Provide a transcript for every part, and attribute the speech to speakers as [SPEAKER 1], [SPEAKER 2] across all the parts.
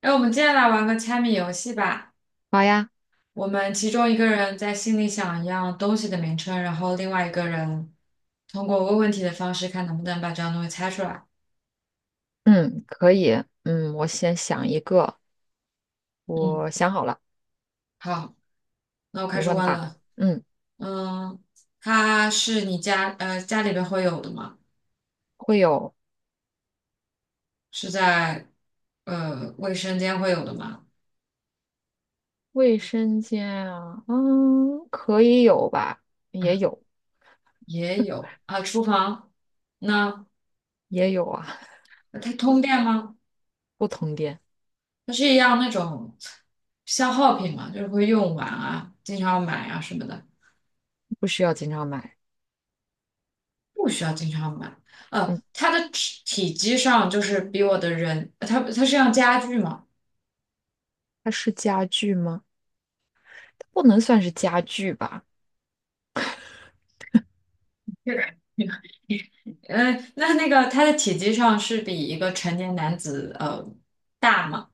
[SPEAKER 1] 哎，我们接下来玩个猜谜游戏吧。
[SPEAKER 2] 好呀，
[SPEAKER 1] 我们其中一个人在心里想一样东西的名称，然后另外一个人通过问问题的方式，看能不能把这样东西猜出来。
[SPEAKER 2] 嗯，可以，嗯，我先想一个，
[SPEAKER 1] 嗯，
[SPEAKER 2] 我想好了，
[SPEAKER 1] 好，那我开
[SPEAKER 2] 你
[SPEAKER 1] 始
[SPEAKER 2] 问
[SPEAKER 1] 问
[SPEAKER 2] 吧。
[SPEAKER 1] 了。
[SPEAKER 2] 嗯，
[SPEAKER 1] 嗯，它是家里边会有的吗？
[SPEAKER 2] 会有
[SPEAKER 1] 是在卫生间会有的吗？
[SPEAKER 2] 卫生间啊，嗯，可以有吧，也有，
[SPEAKER 1] 也有啊，厨房。那
[SPEAKER 2] 也有啊，
[SPEAKER 1] 它通电吗？
[SPEAKER 2] 不同店，
[SPEAKER 1] 它是一样那种消耗品嘛，就是会用完啊，经常买啊什么的。
[SPEAKER 2] 不需要经常买。
[SPEAKER 1] 不需要经常买。
[SPEAKER 2] 嗯，
[SPEAKER 1] 它的体积上就是比我的人，它是样家具嘛？
[SPEAKER 2] 它是家具吗？它不能算是家具吧？
[SPEAKER 1] 是，那个它的体积上是比一个成年男子大嘛？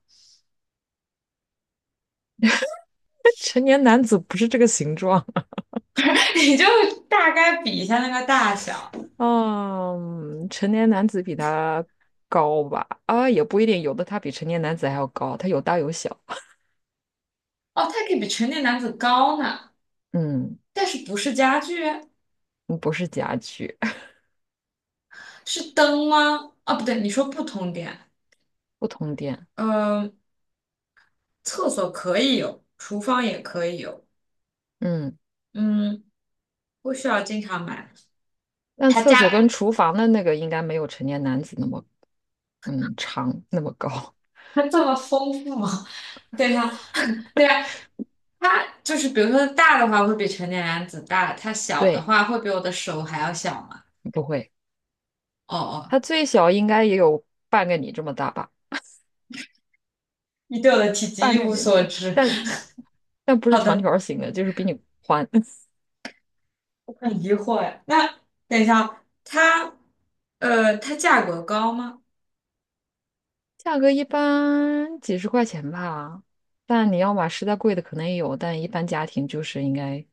[SPEAKER 2] 成年男子不是这个形状。
[SPEAKER 1] 你就大概比一下那个大小。
[SPEAKER 2] 嗯，成年男子比它高吧？啊，也不一定，有的它比成年男子还要高，它有大有小。
[SPEAKER 1] 哦，它可以比成年男子高呢，
[SPEAKER 2] 嗯，
[SPEAKER 1] 但是不是家具？
[SPEAKER 2] 不是家具。
[SPEAKER 1] 是灯吗？啊，不对，你说不通电。
[SPEAKER 2] 不通电，
[SPEAKER 1] 嗯，厕所可以有，厨房也可以有。
[SPEAKER 2] 嗯，
[SPEAKER 1] 嗯，不需要经常买。
[SPEAKER 2] 但
[SPEAKER 1] 他
[SPEAKER 2] 厕所跟
[SPEAKER 1] 家
[SPEAKER 2] 厨房的那个应该没有成年男子那么长那么高，
[SPEAKER 1] 它这么丰富吗？对呀，对呀，它就是比如说大的话会比成年男子大，它 小的
[SPEAKER 2] 对，
[SPEAKER 1] 话会比我的手还要小嘛？
[SPEAKER 2] 不会，
[SPEAKER 1] 哦哦，
[SPEAKER 2] 它最小应该也有半个你这么大吧，
[SPEAKER 1] 你对我的体积
[SPEAKER 2] 半
[SPEAKER 1] 一
[SPEAKER 2] 个
[SPEAKER 1] 无
[SPEAKER 2] 你
[SPEAKER 1] 所
[SPEAKER 2] 的，
[SPEAKER 1] 知。
[SPEAKER 2] 但不是
[SPEAKER 1] 好
[SPEAKER 2] 长
[SPEAKER 1] 的，
[SPEAKER 2] 条形的，就是比你宽，
[SPEAKER 1] 我很疑惑哎。那等一下哦，它它价格高吗？
[SPEAKER 2] 价格一般几十块钱吧，但你要买实在贵的可能也有，但一般家庭就是应该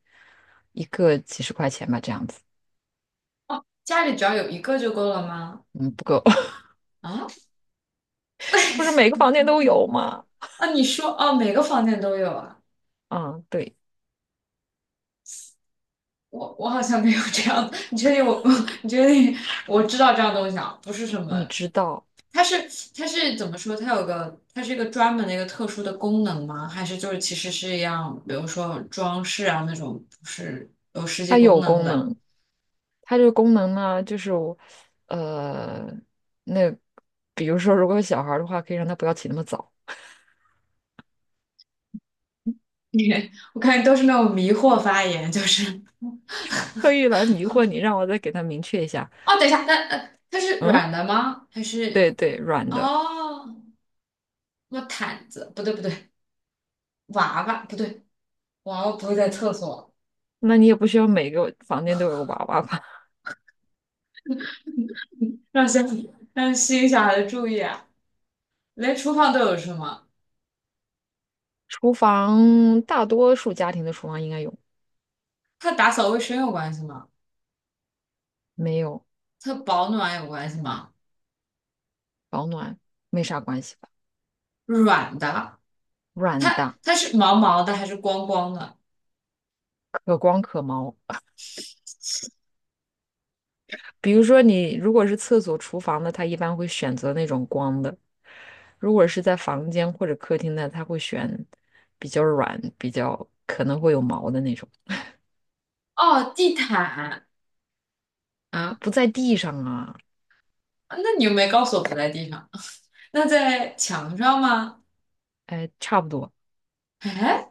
[SPEAKER 2] 一个几十块钱吧，这样子，
[SPEAKER 1] 哦，家里只要有一个就够了吗？
[SPEAKER 2] 嗯，不够，
[SPEAKER 1] 啊
[SPEAKER 2] 不是每个房间都有吗？
[SPEAKER 1] 啊，你说哦，每个房间都有啊？
[SPEAKER 2] 啊，对，
[SPEAKER 1] 我好像没有这样的，你确定我？你确定我知道这样东西啊？不是什么。
[SPEAKER 2] 你知道。
[SPEAKER 1] 它是它是怎么说？它是一个专门的一个特殊的功能吗？还是就是其实是一样，比如说装饰啊那种，不是有实际
[SPEAKER 2] 它
[SPEAKER 1] 功
[SPEAKER 2] 有
[SPEAKER 1] 能
[SPEAKER 2] 功
[SPEAKER 1] 的？
[SPEAKER 2] 能，它这个功能呢，就是我，呃，那比如说，如果有小孩儿的话，可以让他不要起那么早，
[SPEAKER 1] 我看你都是那种迷惑发言，就是
[SPEAKER 2] 特意来迷惑你，让我再给他明确一下。
[SPEAKER 1] 哦，等一下，那它是
[SPEAKER 2] 嗯，
[SPEAKER 1] 软的吗？还是
[SPEAKER 2] 对对，软的，
[SPEAKER 1] 哦，那毯子不对不对，娃娃不对，娃娃不会在厕所，
[SPEAKER 2] 那你也不需要每个房间都有个娃娃吧？
[SPEAKER 1] 让小让吸引小孩的注意啊，连厨房都有是吗？
[SPEAKER 2] 厨房大多数家庭的厨房应该有，
[SPEAKER 1] 它打扫卫生有关系吗？
[SPEAKER 2] 没有
[SPEAKER 1] 它保暖有关系吗？
[SPEAKER 2] 保暖没啥关系吧？
[SPEAKER 1] 软的，
[SPEAKER 2] 软
[SPEAKER 1] 它
[SPEAKER 2] 的，
[SPEAKER 1] 它是毛毛的还是光光的？
[SPEAKER 2] 可光可毛。比如说你如果是厕所、厨房的，他一般会选择那种光的；如果是在房间或者客厅的，他会选比较软、比较可能会有毛的那种，
[SPEAKER 1] 哦，地毯，啊，
[SPEAKER 2] 不在地上啊。
[SPEAKER 1] 那你又没告诉我不在地上，那在墙上吗？
[SPEAKER 2] 哎，差不多。
[SPEAKER 1] 哎，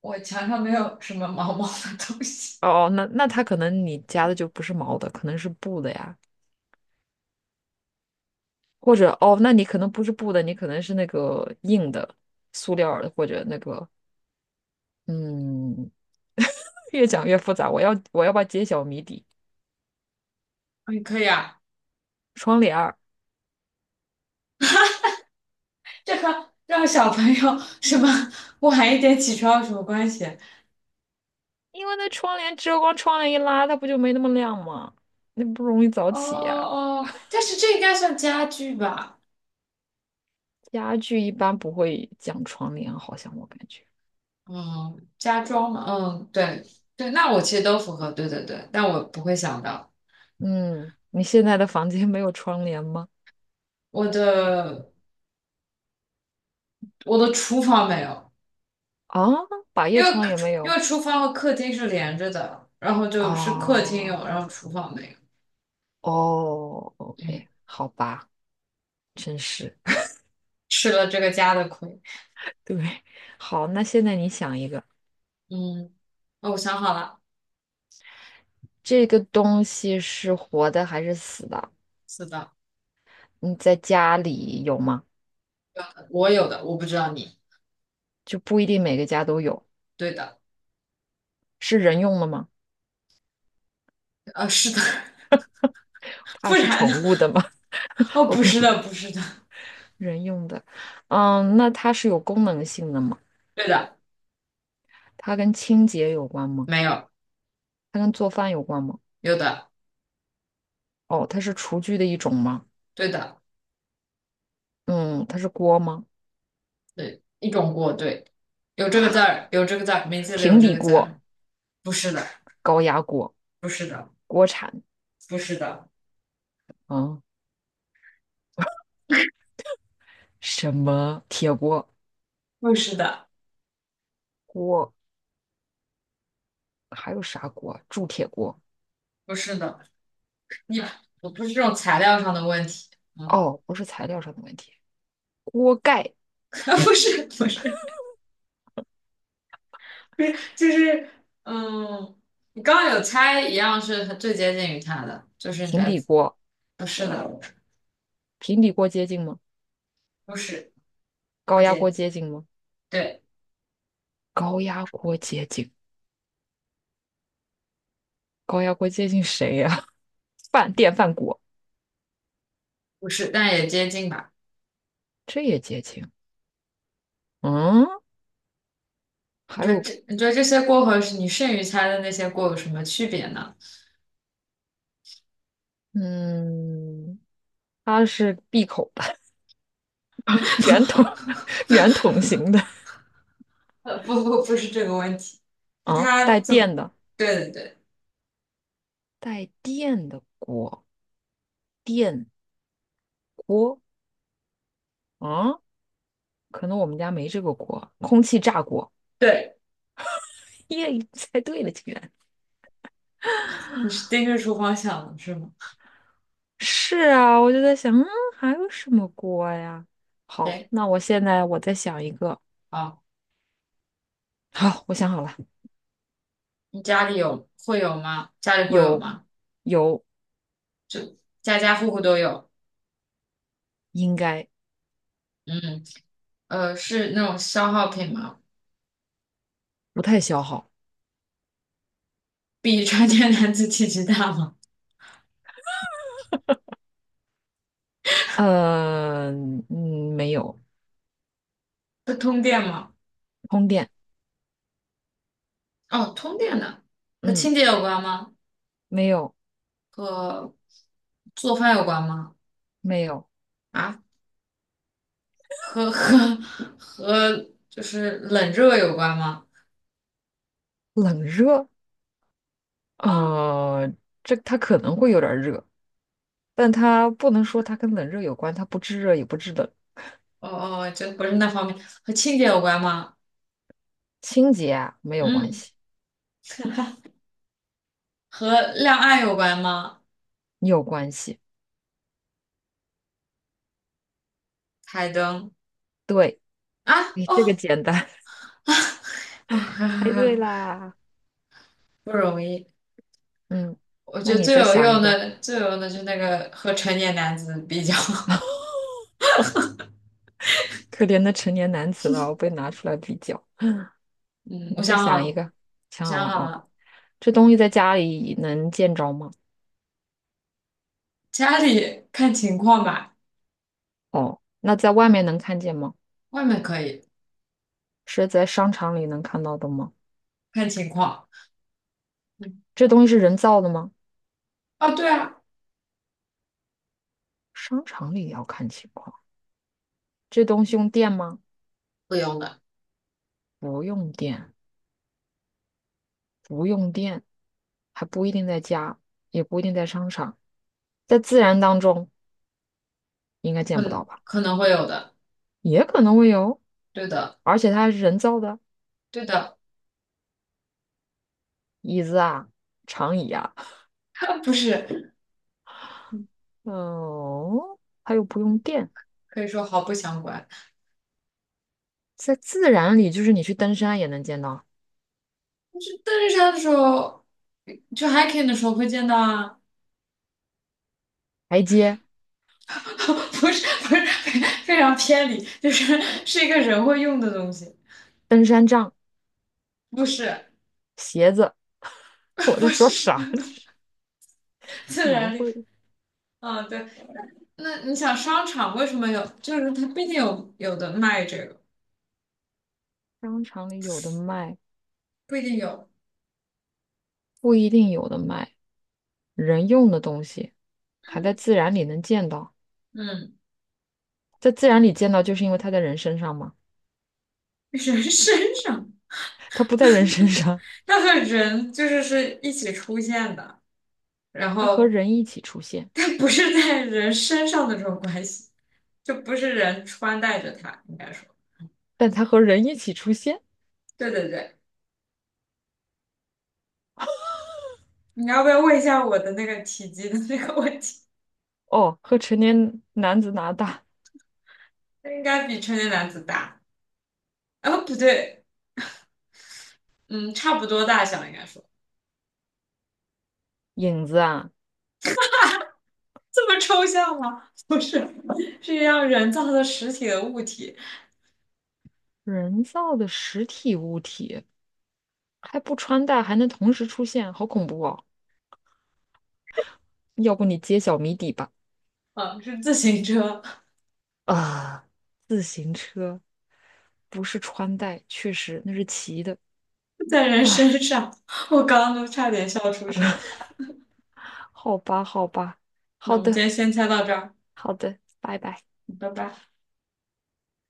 [SPEAKER 1] 我墙上没有什么毛毛的东西。
[SPEAKER 2] 哦，哦，那那他可能你加的就不是毛的，可能是布的呀，或者哦，那你可能不是布的，你可能是那个硬的塑料儿的，或者那个嗯，越讲越复杂，我要把揭晓谜底。
[SPEAKER 1] 哎，可以啊，
[SPEAKER 2] 窗帘儿。
[SPEAKER 1] 这和让小朋友什么晚一点起床有什么关系？
[SPEAKER 2] 因为那窗帘遮光，窗帘一拉，它不就没那么亮吗？那不容易早
[SPEAKER 1] 哦
[SPEAKER 2] 起呀、
[SPEAKER 1] 哦，但是这应该算家具吧？
[SPEAKER 2] 家具一般不会讲窗帘，好像我感觉。
[SPEAKER 1] 嗯，家装嘛，嗯，对对，那我其实都符合，对对对，但我不会想到
[SPEAKER 2] 嗯，你现在的房间没有窗帘吗？
[SPEAKER 1] 我的我的厨房没有。
[SPEAKER 2] 啊，百
[SPEAKER 1] 因
[SPEAKER 2] 叶
[SPEAKER 1] 为
[SPEAKER 2] 窗也没
[SPEAKER 1] 因为
[SPEAKER 2] 有
[SPEAKER 1] 厨房和客厅是连着的，然后就是客厅
[SPEAKER 2] 啊。
[SPEAKER 1] 有，然后厨房没有。
[SPEAKER 2] 哦
[SPEAKER 1] 嗯，
[SPEAKER 2] ，OK，好吧，真是。
[SPEAKER 1] 吃了这个家的亏。
[SPEAKER 2] 对，好，那现在你想一个，
[SPEAKER 1] 嗯，哦，我想好了，
[SPEAKER 2] 这个东西是活的还是死的？
[SPEAKER 1] 是的，
[SPEAKER 2] 你在家里有吗？
[SPEAKER 1] 我有的，我不知道你。
[SPEAKER 2] 就不一定每个家都有。
[SPEAKER 1] 对的，
[SPEAKER 2] 是人用的吗？
[SPEAKER 1] 是的，
[SPEAKER 2] 它
[SPEAKER 1] 不
[SPEAKER 2] 是
[SPEAKER 1] 然呢？
[SPEAKER 2] 宠物的吗？
[SPEAKER 1] 哦，不
[SPEAKER 2] OK，
[SPEAKER 1] 是 的，不是的，
[SPEAKER 2] 人用的，嗯，那它是有功能性的吗？
[SPEAKER 1] 对的，
[SPEAKER 2] 它跟清洁有关吗？
[SPEAKER 1] 没有，
[SPEAKER 2] 它跟做饭有关吗？
[SPEAKER 1] 有的，
[SPEAKER 2] 哦，它是厨具的一种吗？
[SPEAKER 1] 对的，
[SPEAKER 2] 嗯，它是锅吗？
[SPEAKER 1] 对，一种锅，对，有这个字儿，有这个字儿，名字里有
[SPEAKER 2] 平
[SPEAKER 1] 这
[SPEAKER 2] 底
[SPEAKER 1] 个字
[SPEAKER 2] 锅、
[SPEAKER 1] 儿，不是的，
[SPEAKER 2] 高压锅、
[SPEAKER 1] 不是的，
[SPEAKER 2] 锅铲
[SPEAKER 1] 不是的，
[SPEAKER 2] 啊，什么铁锅、
[SPEAKER 1] 不是的，
[SPEAKER 2] 锅，还有啥锅？铸铁锅。
[SPEAKER 1] 不是的，你，我不是这种材料上的问题。嗯。
[SPEAKER 2] 哦，不是材料上的问题，锅盖、
[SPEAKER 1] 啊，不是不是不是，就是嗯，你刚刚有猜一样是很最接近于它的，就是你
[SPEAKER 2] 平
[SPEAKER 1] 在
[SPEAKER 2] 底锅，
[SPEAKER 1] 不是的，
[SPEAKER 2] 平底锅接近吗？
[SPEAKER 1] 不是不
[SPEAKER 2] 高压
[SPEAKER 1] 接
[SPEAKER 2] 锅
[SPEAKER 1] 近，
[SPEAKER 2] 接近吗？
[SPEAKER 1] 对，
[SPEAKER 2] 高压锅接近，高压锅接近谁呀、饭电饭锅，
[SPEAKER 1] 不是，但也接近吧。
[SPEAKER 2] 这也接近。嗯，
[SPEAKER 1] 你
[SPEAKER 2] 还
[SPEAKER 1] 觉得
[SPEAKER 2] 有，
[SPEAKER 1] 这你觉得这些锅和你剩余猜的那些锅有什么区别呢？
[SPEAKER 2] 嗯，它是闭口的，圆筒 圆筒形的
[SPEAKER 1] 不是这个问题，是
[SPEAKER 2] 啊，
[SPEAKER 1] 它
[SPEAKER 2] 带
[SPEAKER 1] 怎么？
[SPEAKER 2] 电的，
[SPEAKER 1] 对对对
[SPEAKER 2] 带电的锅，电锅啊，可能我们家没这个锅，空气炸锅。
[SPEAKER 1] 对，
[SPEAKER 2] 耶，猜对了，竟然
[SPEAKER 1] 你是盯着厨房想的是吗？
[SPEAKER 2] 是啊！我就在想，嗯，还有什么锅呀？好，
[SPEAKER 1] 对，
[SPEAKER 2] 那我现在我再想一个。
[SPEAKER 1] 好，
[SPEAKER 2] 好，我想好了，
[SPEAKER 1] 你家里会有吗？家里会有
[SPEAKER 2] 有
[SPEAKER 1] 吗？
[SPEAKER 2] 有，
[SPEAKER 1] 就家家户户都有，
[SPEAKER 2] 应该
[SPEAKER 1] 嗯。是那种消耗品吗？
[SPEAKER 2] 不太消耗。
[SPEAKER 1] 比成年男子体积大吗？
[SPEAKER 2] 呃，嗯，没有，
[SPEAKER 1] 会通电吗？
[SPEAKER 2] 通电。
[SPEAKER 1] 哦，通电的，和
[SPEAKER 2] 嗯。
[SPEAKER 1] 清洁有关吗？
[SPEAKER 2] 没有
[SPEAKER 1] 和做饭有关吗？
[SPEAKER 2] 没有
[SPEAKER 1] 啊，和和和就是冷热有关吗？
[SPEAKER 2] 冷热，
[SPEAKER 1] 啊，哦
[SPEAKER 2] 呃，这它可能会有点儿热，但它不能说它跟冷热有关，它不制热也不制冷，
[SPEAKER 1] 哦，哦这不是那方面，和清洁有关吗？
[SPEAKER 2] 清洁啊没有关
[SPEAKER 1] 嗯，
[SPEAKER 2] 系，
[SPEAKER 1] 和亮暗有关吗？
[SPEAKER 2] 有关系。
[SPEAKER 1] 台灯
[SPEAKER 2] 对，
[SPEAKER 1] 啊，
[SPEAKER 2] 你这个
[SPEAKER 1] 哦，
[SPEAKER 2] 简单，
[SPEAKER 1] 哦，哈哈
[SPEAKER 2] 猜对
[SPEAKER 1] 哈
[SPEAKER 2] 啦。
[SPEAKER 1] 不容易。
[SPEAKER 2] 嗯，
[SPEAKER 1] 我
[SPEAKER 2] 那
[SPEAKER 1] 觉得
[SPEAKER 2] 你
[SPEAKER 1] 最
[SPEAKER 2] 再
[SPEAKER 1] 有
[SPEAKER 2] 想
[SPEAKER 1] 用
[SPEAKER 2] 一个，
[SPEAKER 1] 的，最有用的就是那个和成年男子比较。
[SPEAKER 2] 可怜的成年男子了，被拿出来比较。
[SPEAKER 1] 嗯，我
[SPEAKER 2] 你再
[SPEAKER 1] 想
[SPEAKER 2] 想一
[SPEAKER 1] 好，
[SPEAKER 2] 个，想好
[SPEAKER 1] 想
[SPEAKER 2] 了
[SPEAKER 1] 好
[SPEAKER 2] 啊，
[SPEAKER 1] 了，
[SPEAKER 2] 这东西在家里能见着吗？
[SPEAKER 1] 家里看情况吧，
[SPEAKER 2] 哦，那在外面能看见吗？
[SPEAKER 1] 外面可以
[SPEAKER 2] 是在商场里能看到的吗？
[SPEAKER 1] 看情况。嗯，
[SPEAKER 2] 这东西是人造的吗？
[SPEAKER 1] 哦，对啊，
[SPEAKER 2] 商场里也要看情况，这东西用电吗？
[SPEAKER 1] 不用的，
[SPEAKER 2] 不用电，不用电，还不一定在家，也不一定在商场，在自然当中应该见不到
[SPEAKER 1] 嗯，
[SPEAKER 2] 吧？
[SPEAKER 1] 可能会有的，
[SPEAKER 2] 也可能会有，
[SPEAKER 1] 对的，
[SPEAKER 2] 而且它还是人造的，
[SPEAKER 1] 对的，
[SPEAKER 2] 椅子啊，长椅啊，
[SPEAKER 1] 不是，
[SPEAKER 2] 哦，它又不用电，
[SPEAKER 1] 可以说毫不相关。
[SPEAKER 2] 在自然里就是你去登山也能见到，
[SPEAKER 1] 但是登山的时候，去 hiking 的时候会见到啊，
[SPEAKER 2] 台阶、
[SPEAKER 1] 不是，不是，非非常偏离，就是是一个人会用的东西，
[SPEAKER 2] 登山杖、
[SPEAKER 1] 不是，
[SPEAKER 2] 鞋子，我在
[SPEAKER 1] 不
[SPEAKER 2] 说
[SPEAKER 1] 是，
[SPEAKER 2] 啥？
[SPEAKER 1] 自
[SPEAKER 2] 人
[SPEAKER 1] 然力。
[SPEAKER 2] 会
[SPEAKER 1] 嗯，对，那你想商场为什么有？就是它毕竟有的卖这个。
[SPEAKER 2] 商场里有的卖，
[SPEAKER 1] 不一定有
[SPEAKER 2] 不一定有的卖。人用的东西还在自然里能见到，
[SPEAKER 1] 嗯，
[SPEAKER 2] 在自然里见到，就是因为它在人身上嘛，
[SPEAKER 1] 人 身上，
[SPEAKER 2] 它不在人身上，
[SPEAKER 1] 它和人就是一起出现的，然
[SPEAKER 2] 它和
[SPEAKER 1] 后
[SPEAKER 2] 人一起出现，
[SPEAKER 1] 它不是在人身上的这种关系，就不是人穿戴着它，应该说，
[SPEAKER 2] 但它和人一起出现，
[SPEAKER 1] 对对对，你要不要问一下我的那个体积的那个问题？
[SPEAKER 2] 哦，和成年男子拿大
[SPEAKER 1] 它应该比成年男子大，啊不对，嗯，差不多大小应该说，
[SPEAKER 2] 影子啊，
[SPEAKER 1] 这么抽象吗？不是，是一样人造的实体的物体，
[SPEAKER 2] 人造的实体物体还不穿戴，还能同时出现，好恐怖哦！要不你揭晓谜底吧？
[SPEAKER 1] 啊，是自行车
[SPEAKER 2] 啊、不是穿戴，确实那是骑的。
[SPEAKER 1] 在人
[SPEAKER 2] 哎，
[SPEAKER 1] 身上，我刚刚都差点笑出声。
[SPEAKER 2] 好吧，好吧，
[SPEAKER 1] 那
[SPEAKER 2] 好
[SPEAKER 1] 我们今
[SPEAKER 2] 的，
[SPEAKER 1] 天先猜到这儿，
[SPEAKER 2] 好的，拜拜。
[SPEAKER 1] 拜拜。